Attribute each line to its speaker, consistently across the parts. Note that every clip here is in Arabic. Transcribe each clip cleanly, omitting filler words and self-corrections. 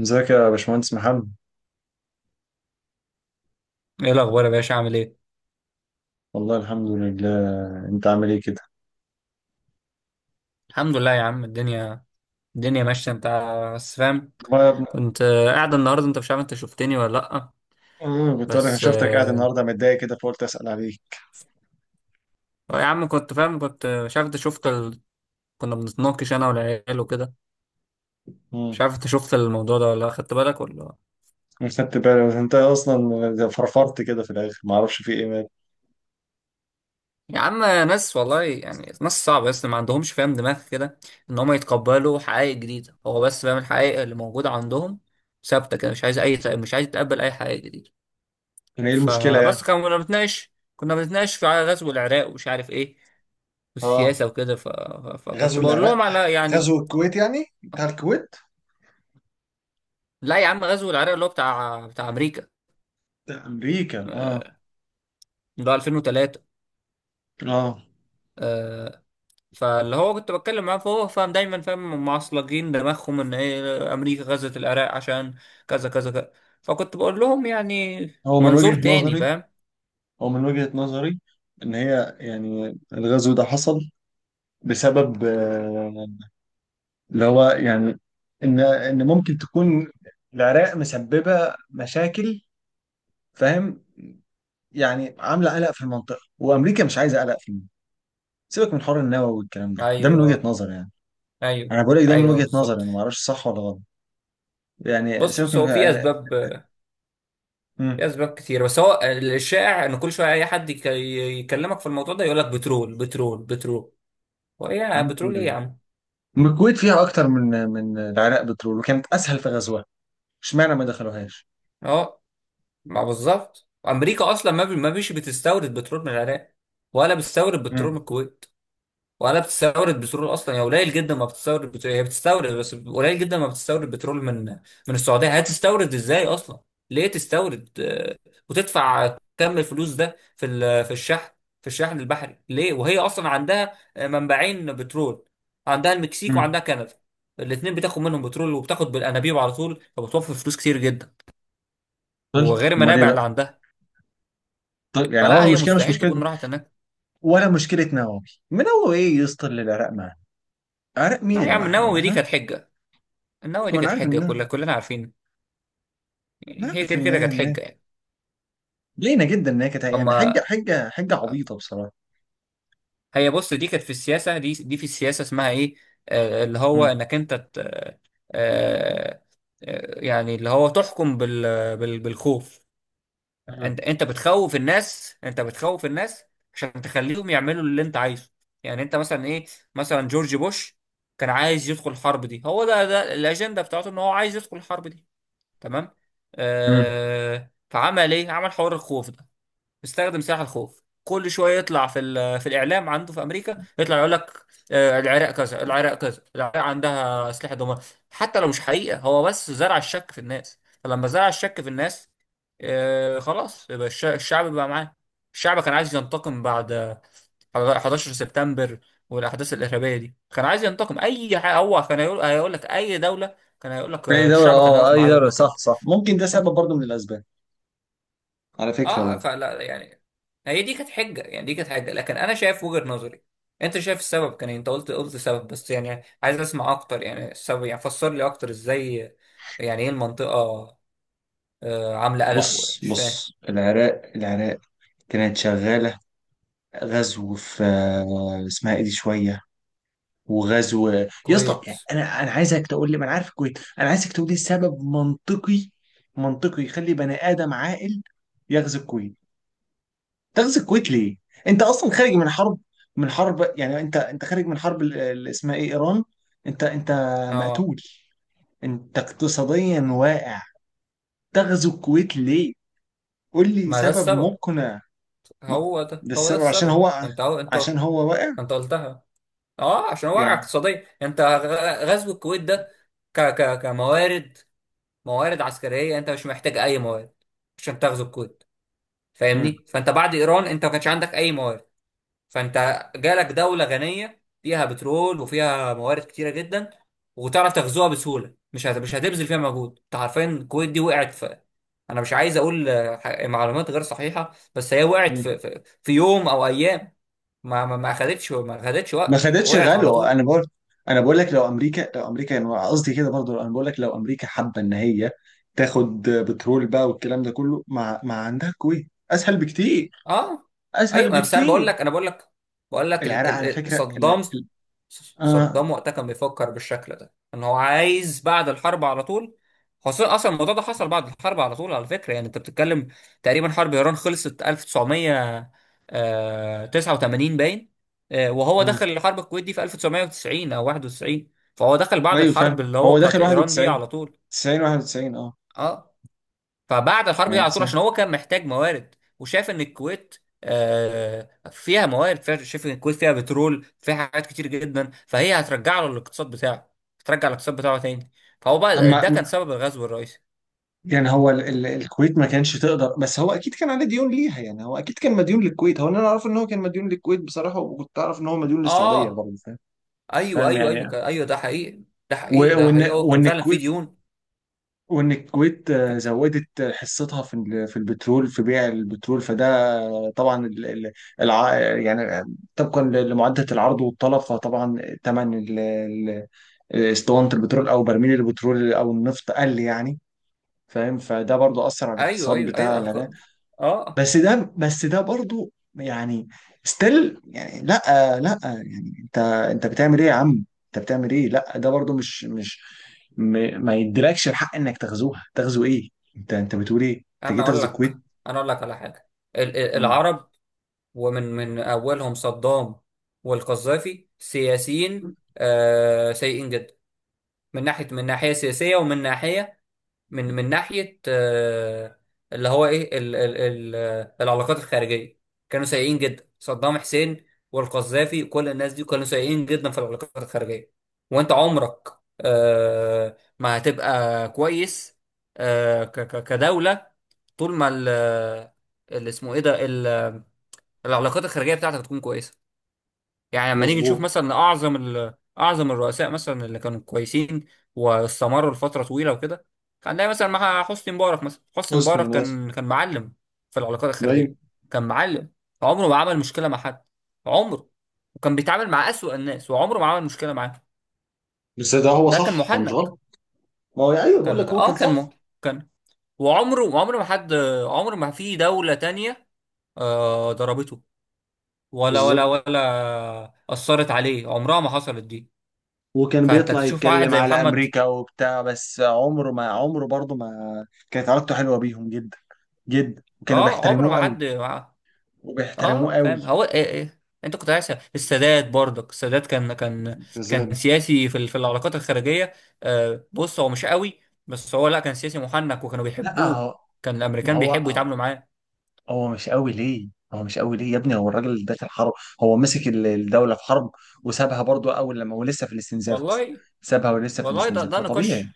Speaker 1: ازيك يا باشمهندس محمد؟
Speaker 2: ايه الاخبار يا باشا عامل ايه؟
Speaker 1: والله الحمد لله. انت عامل ايه كده؟
Speaker 2: الحمد لله يا عم الدنيا ماشيه. انت بس فاهم،
Speaker 1: ما
Speaker 2: كنت قاعد النهارده، انت مش عارف، انت شفتني ولا لا؟
Speaker 1: كنت انا
Speaker 2: بس
Speaker 1: شفتك قاعد النهارده متضايق كده، فقلت اسال عليك.
Speaker 2: آه يا عم كنت فاهم، كنت مش عارف انت شفت كنا بنتناقش انا والعيال وكده. مش
Speaker 1: امم.
Speaker 2: عارف انت شفت الموضوع ده ولا لأ، خدت بالك ولا لأ؟
Speaker 1: مش خدت بالي، بس انت اصلا فرفرت كده في الاخر، ما اعرفش في ايه مال.
Speaker 2: يا عم ناس والله يعني ناس صعبه، بس ما عندهمش فاهم دماغ كده ان هم يتقبلوا حقائق جديده، هو بس فاهم الحقائق اللي موجوده عندهم ثابته كده، مش عايز اي، مش عايز يتقبل اي حقائق جديده.
Speaker 1: يعني ايه المشكله يعني؟
Speaker 2: فبس كنا بنتناقش، كنا بنتناقش في على غزو العراق ومش عارف ايه،
Speaker 1: اه،
Speaker 2: والسياسه وكده، فكنت
Speaker 1: غزو
Speaker 2: بقول
Speaker 1: العراق.
Speaker 2: لهم على يعني.
Speaker 1: غزو الكويت، يعني بتاع الكويت.
Speaker 2: لا يا عم غزو العراق اللي هو بتاع امريكا،
Speaker 1: ده امريكا، اه.
Speaker 2: آه، اللي هو 2003.
Speaker 1: اه،
Speaker 2: آه، فاللي هو كنت بتكلم معاه فهو فاهم، دايما فاهم، هم معصلجين دماغهم ان ايه، امريكا غزت العراق عشان كذا كذا كذا، فكنت بقول لهم يعني
Speaker 1: هو من
Speaker 2: منظور
Speaker 1: وجهه
Speaker 2: تاني
Speaker 1: نظري،
Speaker 2: فاهم.
Speaker 1: هو من وجهه نظري ان هي يعني الغزو ده حصل بسبب، اللي هو يعني، ان ممكن تكون العراق مسببه مشاكل، فاهم؟ يعني عامله قلق في المنطقه، وامريكا مش عايزه قلق في المنطقه. سيبك من حوار النووي والكلام ده، ده من وجهه
Speaker 2: ايوه،
Speaker 1: نظر يعني.
Speaker 2: ايوه،
Speaker 1: انا بقول لك، ده من
Speaker 2: ايوه
Speaker 1: وجهه نظر،
Speaker 2: بالظبط.
Speaker 1: انا ما اعرفش صح ولا غلط. يعني
Speaker 2: بص
Speaker 1: سيبك
Speaker 2: بص،
Speaker 1: من،
Speaker 2: هو في
Speaker 1: يعني.
Speaker 2: اسباب، في
Speaker 1: امم.
Speaker 2: اسباب كتير، بس هو الشائع ان كل شويه اي حد يكلمك في الموضوع ده يقول لك بترول بترول بترول. وايه يا
Speaker 1: نعم،
Speaker 2: بترول
Speaker 1: بتقول
Speaker 2: ايه يا
Speaker 1: ايه؟
Speaker 2: عم؟
Speaker 1: أم الكويت فيها اكتر من العراق بترول، وكانت اسهل في غزوها. اشمعنى ما دخلوهاش؟
Speaker 2: اه، ما بالظبط امريكا اصلا ما بيش بتستورد بترول من العراق، ولا بتستورد بترول من
Speaker 1: امم.
Speaker 2: الكويت، ولا بتستورد بترول اصلا، هي قليل جدا ما بتستورد بترول، هي بتستورد بس قليل جدا، ما بتستورد بترول من من السعوديه، هتستورد ازاي اصلا؟ ليه تستورد؟ وتدفع كم الفلوس ده في الشحن، في الشحن البحري ليه، وهي اصلا عندها منبعين بترول، عندها المكسيك
Speaker 1: امم.
Speaker 2: وعندها كندا، الاثنين بتاخد منهم بترول وبتاخد بالانابيب على طول، فبتوفر فلوس كتير جدا،
Speaker 1: طيب،
Speaker 2: وغير
Speaker 1: امال ايه
Speaker 2: المنابع
Speaker 1: بقى؟
Speaker 2: اللي عندها.
Speaker 1: طيب، يعني هو
Speaker 2: فلا، هي
Speaker 1: المشكله مش
Speaker 2: مستحيل
Speaker 1: مشكله
Speaker 2: تكون راحت هناك.
Speaker 1: ولا مشكله نووي؟ نووي ايه يسطر للعراق؟ عارف مين
Speaker 2: لا يا
Speaker 1: اللي
Speaker 2: عم
Speaker 1: معانا
Speaker 2: النووي دي
Speaker 1: واحنا.
Speaker 2: كانت حجه، النووي دي
Speaker 1: وانا
Speaker 2: كانت
Speaker 1: عارف
Speaker 2: حجه،
Speaker 1: ان انا،
Speaker 2: كلنا عارفين،
Speaker 1: أنا
Speaker 2: يعني هي
Speaker 1: عارف
Speaker 2: كده
Speaker 1: ان
Speaker 2: كده
Speaker 1: هي،
Speaker 2: كانت حجة يعني.
Speaker 1: لينا جدا، ان هي كانت يعني
Speaker 2: اما
Speaker 1: حجه حجه حجه عبيطه بصراحه.
Speaker 2: هي بص، دي كانت في السياسة، دي دي في السياسة اسمها ايه، آه اللي هو
Speaker 1: مم.
Speaker 2: انك انت آه، يعني اللي هو تحكم بالخوف، انت
Speaker 1: مم.
Speaker 2: انت بتخوف الناس، انت بتخوف الناس عشان تخليهم يعملوا اللي انت عايزه. يعني انت مثلا ايه، مثلا جورج بوش كان عايز يدخل الحرب دي، هو ده ده الاجندة بتاعته، ان هو عايز يدخل الحرب دي، تمام؟
Speaker 1: مم.
Speaker 2: فعمل ايه، عمل حوار الخوف ده، استخدم سلاح الخوف، كل شويه يطلع في الاعلام عنده في امريكا، يطلع يقول لك العراق كذا، العراق كذا، العراق عندها اسلحه دمار، حتى لو مش حقيقه، هو بس زرع الشك في الناس، فلما زرع الشك في الناس خلاص يبقى الشعب بقى معاه. الشعب كان عايز ينتقم بعد 11 سبتمبر والاحداث الارهابيه دي، كان عايز ينتقم، اي حاجه هو كان هيقول، هيقول لك اي دوله كان هيقول لك
Speaker 1: اي دوله،
Speaker 2: الشعب كان
Speaker 1: اه،
Speaker 2: هيقف
Speaker 1: اي
Speaker 2: معاه يقول
Speaker 1: دوله،
Speaker 2: لك
Speaker 1: صح صح، ممكن ده سبب برضه من الاسباب، على فكره
Speaker 2: اه.
Speaker 1: برضه.
Speaker 2: فلا يعني، هي دي كانت حجه يعني، دي كانت حجه، لكن انا شايف وجهه نظري. انت شايف السبب كان إيه؟ انت قلت، قلت سبب، بس يعني عايز اسمع اكتر يعني، السبب يعني، فسر لي اكتر ازاي، يعني ايه المنطقه آه عامله قلق؟
Speaker 1: بص
Speaker 2: مش فاهم.
Speaker 1: بص، العراق العراق كانت شغاله غزو في، اسمها ايه، دي شويه، وغزو يا اسطى،
Speaker 2: كويت.
Speaker 1: يعني انا عايزك تقول لي، ما انا عارف الكويت، انا عايزك تقول لي سبب منطقي، منطقي يخلي بني ادم عاقل يغزو الكويت. تغزو الكويت ليه؟ انت اصلا خارج من حرب، من حرب، يعني انت خارج من حرب اللي اسمها ايه، ايران، انت
Speaker 2: اه،
Speaker 1: مقتول، انت اقتصاديا واقع. تغزو الكويت ليه؟ قول لي
Speaker 2: ما ده
Speaker 1: سبب
Speaker 2: السبب،
Speaker 1: مقنع. م-
Speaker 2: هو ده
Speaker 1: ده
Speaker 2: هو ده
Speaker 1: السبب، عشان
Speaker 2: السبب،
Speaker 1: هو،
Speaker 2: انت هو انت،
Speaker 1: عشان هو واقع
Speaker 2: انت قلتها، اه عشان وقع
Speaker 1: يعني.
Speaker 2: اقتصادي، انت غزو الكويت ده ك ك كموارد، موارد عسكريه، انت مش محتاج اي موارد عشان تغزو الكويت،
Speaker 1: مم.
Speaker 2: فاهمني؟ فانت بعد ايران انت ما كانش عندك اي موارد، فانت جالك دوله غنيه فيها بترول وفيها موارد كتيره جدا، وتعرف تغزوها بسهوله، مش هتبذل فيها مجهود، انت عارفين الكويت دي وقعت في، انا مش عايز اقول معلومات غير صحيحه، بس هي وقعت
Speaker 1: مم.
Speaker 2: في في يوم او ايام، ما ما خدتش
Speaker 1: ما
Speaker 2: وقت،
Speaker 1: خدتش
Speaker 2: وقعت على
Speaker 1: غلو. انا
Speaker 2: طول.
Speaker 1: بقول، انا بقول لك، لو امريكا، انا قصدي كده برضو، انا بقول لك لو امريكا حابه ان هي تاخد بترول بقى والكلام ده كله، ما عندها الكويت اسهل بكتير،
Speaker 2: اه،
Speaker 1: اسهل
Speaker 2: ايوه، بس انا بقول
Speaker 1: بكتير.
Speaker 2: لك، انا بقول لك، بقول لك
Speaker 1: العراق على فكرة،
Speaker 2: صدام،
Speaker 1: آه.
Speaker 2: صدام وقتها كان بيفكر بالشكل ده، ان هو عايز بعد الحرب على طول، خاصة اصلا الموضوع ده حصل بعد الحرب على طول، على فكرة، يعني انت بتتكلم تقريبا حرب ايران خلصت 1989 باين، وهو
Speaker 1: آه.
Speaker 2: دخل الحرب الكويت دي في 1990 او 91، فهو دخل بعد
Speaker 1: ايوه،
Speaker 2: الحرب
Speaker 1: فاهم،
Speaker 2: اللي هو
Speaker 1: هو
Speaker 2: بتاعت
Speaker 1: داخل
Speaker 2: ايران دي
Speaker 1: 91،
Speaker 2: على طول.
Speaker 1: 90، 91، اه.
Speaker 2: اه، فبعد الحرب دي
Speaker 1: يعني
Speaker 2: على طول، عشان
Speaker 1: 90.
Speaker 2: هو كان محتاج موارد وشاف ان الكويت فيها موارد، شاف ان الكويت فيها بترول، فيها حاجات كتير جدا، فهي هترجع له الاقتصاد بتاعه، هترجع الاقتصاد بتاعه تاني، فهو بقى
Speaker 1: اما
Speaker 2: ده كان سبب الغزو الرئيسي.
Speaker 1: يعني هو الكويت ما كانش تقدر، بس هو اكيد كان عليه ديون ليها، يعني هو اكيد كان مديون للكويت، هو انا اعرف ان هو كان مديون للكويت بصراحة، وكنت اعرف ان هو مديون للسعودية
Speaker 2: اه
Speaker 1: برضه، فاهم؟
Speaker 2: ايوه،
Speaker 1: فاهم
Speaker 2: ايوه، ايوه
Speaker 1: يعني.
Speaker 2: ايوه ده حقيقي، ده
Speaker 1: و...
Speaker 2: حقيقي، ده حقيقي،
Speaker 1: وان
Speaker 2: هو كان
Speaker 1: وان
Speaker 2: فعلا في
Speaker 1: الكويت،
Speaker 2: ديون.
Speaker 1: وان الكويت
Speaker 2: كان
Speaker 1: زودت حصتها في البترول، في بيع البترول، فده طبعا يعني طبقا لمعادله العرض والطلب، فطبعا ثمن اسطوانه البترول او برميل البترول او النفط قل، يعني، فاهم؟ فده برضو اثر على
Speaker 2: ايوه،
Speaker 1: الاقتصاد
Speaker 2: ايوه،
Speaker 1: بتاع
Speaker 2: ايوه
Speaker 1: العراق.
Speaker 2: اه.
Speaker 1: بس ده برضو يعني ستيل يعني، لا، لا يعني، انت، انت بتعمل ايه يا عم، انت بتعمل ايه؟ لا، ده برضو مش م... ما يديلكش الحق انك تغزوها. تغزو ايه؟ انت بتقول ايه؟ انت جاي
Speaker 2: انا اقول
Speaker 1: تغزو
Speaker 2: لك،
Speaker 1: الكويت.
Speaker 2: انا اقول لك على حاجه،
Speaker 1: مم.
Speaker 2: العرب ومن من أولهم صدام والقذافي، سياسيين سيئين جدا، من ناحية، من ناحية سياسية، ومن ناحية، من من ناحية اللي هو إيه ال ال ال العلاقات الخارجية، كانوا سيئين جدا. صدام حسين والقذافي كل الناس دي كانوا سيئين جدا في العلاقات الخارجية. وأنت عمرك ما هتبقى كويس كدولة، طول ما اللي اسمه ايه ده العلاقات الخارجية بتاعتك تكون كويسة. يعني لما نيجي نشوف
Speaker 1: مظبوط.
Speaker 2: مثلا اعظم الرؤساء مثلا اللي كانوا كويسين واستمروا لفتره طويله وكده، هنلاقي مثلا مع حسني مبارك، مثلا حسني
Speaker 1: حسني
Speaker 2: مبارك
Speaker 1: ماشي.
Speaker 2: كان كان معلم في العلاقات
Speaker 1: ايوه،
Speaker 2: الخارجيه، كان معلم، عمره ما عمل مشكله مع حد، عمره، وكان بيتعامل مع أسوأ الناس وعمره ما عمل مشكله معاه.
Speaker 1: بس ده هو
Speaker 2: ده كان
Speaker 1: صح، هو مش
Speaker 2: محنك،
Speaker 1: غلط. ما هو ايوه، بقول لك
Speaker 2: كان
Speaker 1: هو
Speaker 2: اه
Speaker 1: كان صح.
Speaker 2: كان، وعمره ما حد، عمره ما في دوله تانية آه ضربته، ولا ولا
Speaker 1: بالظبط.
Speaker 2: ولا أثرت عليه، عمرها ما حصلت دي.
Speaker 1: وكان
Speaker 2: فانت
Speaker 1: بيطلع
Speaker 2: تشوف واحد
Speaker 1: يتكلم
Speaker 2: زي
Speaker 1: على
Speaker 2: محمد،
Speaker 1: امريكا وبتاع، بس عمره ما، عمره برضه ما كانت علاقته حلوه بيهم جدا، جدا، وكانوا
Speaker 2: اه عمره
Speaker 1: بيحترموه
Speaker 2: ما
Speaker 1: قوي،
Speaker 2: حد
Speaker 1: وبيحترموه
Speaker 2: اه
Speaker 1: قوي.
Speaker 2: فاهم، هو إيه إيه. انت كنت عايز السادات برضك، السادات كان كان كان
Speaker 1: كذلك.
Speaker 2: سياسي في العلاقات الخارجيه، آه بص هو مش قوي، بس هو لا كان سياسي محنك وكانوا
Speaker 1: لا
Speaker 2: بيحبوه،
Speaker 1: هو،
Speaker 2: كان
Speaker 1: ما
Speaker 2: الامريكان
Speaker 1: هو
Speaker 2: بيحبوا
Speaker 1: هو
Speaker 2: يتعاملوا معاه.
Speaker 1: هو مش قوي ليه؟ هو مش قوي ليه يا ابني؟ هو الراجل اللي داخل حرب، هو مسك الدولة في حرب، وسابها برضو أول لما هو لسه في الاستنزاف أصلا،
Speaker 2: والله،
Speaker 1: سابها ولسه في
Speaker 2: والله ده
Speaker 1: الاستنزاف،
Speaker 2: ده نقاش،
Speaker 1: فطبيعي.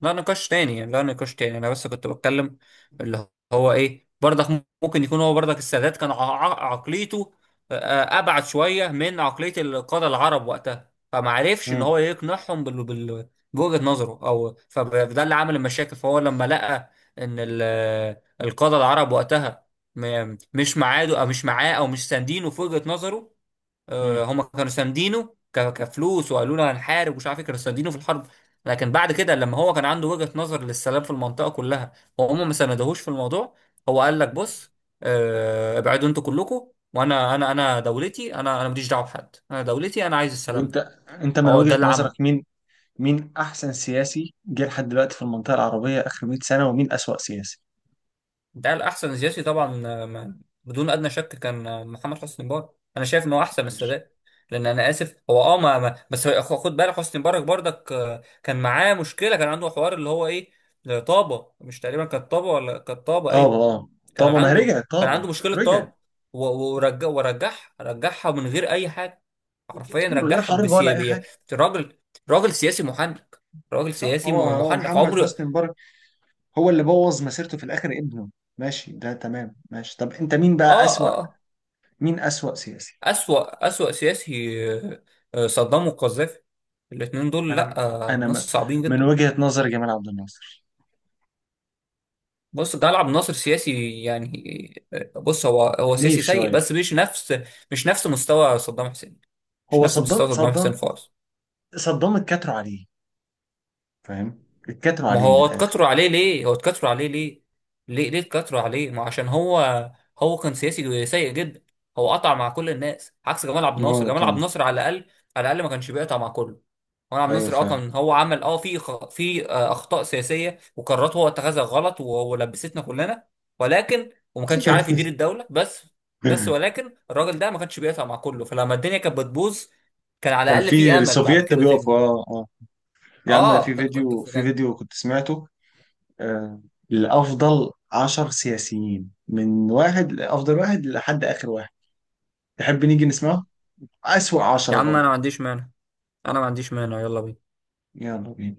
Speaker 2: لا نقاش تاني يعني، لا نقاش تاني، انا بس كنت بتكلم اللي هو ايه برضك، ممكن يكون هو برضك السادات كان عقليته ابعد شويه من عقليه القاده العرب وقتها، فما عرفش ان
Speaker 1: مم.
Speaker 2: هو يقنعهم بوجهه نظره، او فده اللي عمل المشاكل. فهو لما لقى ان القاده العرب وقتها مش معاه، او مش معاه، او مش ساندينه في وجهه نظره،
Speaker 1: مم.
Speaker 2: هم كانوا ساندينه كفلوس، وقالوا له هنحارب ومش عارف إيه، كانوا ساندينه في الحرب، لكن بعد كده لما هو كان عنده وجهة نظر للسلام في المنطقة كلها وهم ما ساندهوش في الموضوع، هو قال لك بص، ابعدوا انتوا كلكم، وانا انا انا دولتي، انا انا ماليش دعوه بحد، انا دولتي انا عايز السلام
Speaker 1: وأنت
Speaker 2: ده،
Speaker 1: أنت من
Speaker 2: هو ده
Speaker 1: وجهة
Speaker 2: اللي
Speaker 1: نظرك،
Speaker 2: عمله.
Speaker 1: مين مين أحسن سياسي جه لحد دلوقتي في المنطقة العربية آخر 100 سنة، ومين أسوأ سياسي؟
Speaker 2: ده الأحسن سياسي طبعا، بدون أدنى شك كان محمد حسني مبارك، أنا شايف إن هو أحسن من
Speaker 1: ماشي.
Speaker 2: السادات، لأن أنا آسف هو أه بس خد بالك، حسني مبارك برضك كان معاه مشكلة، كان عنده حوار اللي هو إيه طابة، مش تقريبا كانت طابة، ولا كانت طابة،
Speaker 1: طابة،
Speaker 2: أيوه.
Speaker 1: اه.
Speaker 2: كان
Speaker 1: طابة، ما هي
Speaker 2: عنده،
Speaker 1: رجعت
Speaker 2: كان
Speaker 1: طابة.
Speaker 2: عنده مشكلة طابة،
Speaker 1: رجعت
Speaker 2: ورجع، ورجعها، رجعها من غير أي حاجة، حرفيا
Speaker 1: من غير
Speaker 2: رجعها
Speaker 1: حرب ولا أي
Speaker 2: بسيابية.
Speaker 1: حاجة.
Speaker 2: راجل، راجل سياسي محنك، راجل
Speaker 1: صح،
Speaker 2: سياسي
Speaker 1: هو هو
Speaker 2: محنك،
Speaker 1: محمد
Speaker 2: عمره.
Speaker 1: حسني مبارك، هو اللي بوظ مسيرته في الآخر ابنه. ماشي، ده تمام، ماشي. طب أنت مين بقى
Speaker 2: اه
Speaker 1: أسوأ؟
Speaker 2: اه،
Speaker 1: مين أسوأ سياسي؟
Speaker 2: أسوأ، أسوأ سياسي صدام وقذافي، الاتنين دول
Speaker 1: أنا
Speaker 2: لأ،
Speaker 1: أنا
Speaker 2: ناس صعبين
Speaker 1: من
Speaker 2: جدا.
Speaker 1: وجهة نظر جمال عبد الناصر،
Speaker 2: بص ده لعب ناصر سياسي يعني، بص هو هو
Speaker 1: عنيف
Speaker 2: سياسي سيء،
Speaker 1: شوية.
Speaker 2: بس مش نفس، مش نفس مستوى صدام حسين، مش
Speaker 1: هو
Speaker 2: نفس
Speaker 1: صدام،
Speaker 2: مستوى صدام حسين خالص.
Speaker 1: صدام اتكتروا عليه، فاهم؟ اتكتروا
Speaker 2: ما
Speaker 1: عليه من
Speaker 2: هو
Speaker 1: الآخر.
Speaker 2: اتكتروا عليه ليه، هو اتكتروا عليه ليه، ليه ليه اتكتروا عليه، ما عشان هو، هو كان سياسي سيء جدا، هو قطع مع كل الناس، عكس جمال عبد
Speaker 1: ما
Speaker 2: الناصر،
Speaker 1: هو
Speaker 2: جمال عبد
Speaker 1: طبعا.
Speaker 2: الناصر على الأقل، على الأقل ما كانش بيقطع مع كله. وأنا عبد
Speaker 1: ايوه
Speaker 2: الناصر اه
Speaker 1: فعلا.
Speaker 2: كان هو عمل اه في اخطاء سياسيه وقرارات هو اتخذها غلط وهو لبستنا كلنا، ولكن وما كانش عارف يدير الدوله، بس بس ولكن الراجل ده ما كانش بيقطع مع كله، فلما الدنيا كانت بتبوظ كان على
Speaker 1: كان
Speaker 2: الاقل في
Speaker 1: في
Speaker 2: امل بعد
Speaker 1: السوفييت
Speaker 2: كده تبني.
Speaker 1: بيقفوا، اه، اه. يا عم،
Speaker 2: اه
Speaker 1: في فيديو في
Speaker 2: كان.
Speaker 1: فيديو كنت سمعته، آه، لأفضل 10 سياسيين، من واحد لأفضل واحد لحد آخر واحد. تحب نيجي نسمعه؟ أسوأ
Speaker 2: يا
Speaker 1: 10
Speaker 2: عم
Speaker 1: برضه.
Speaker 2: انا ما عنديش مانع، انا ما عنديش مانع، يلا بينا.
Speaker 1: يلا بينا.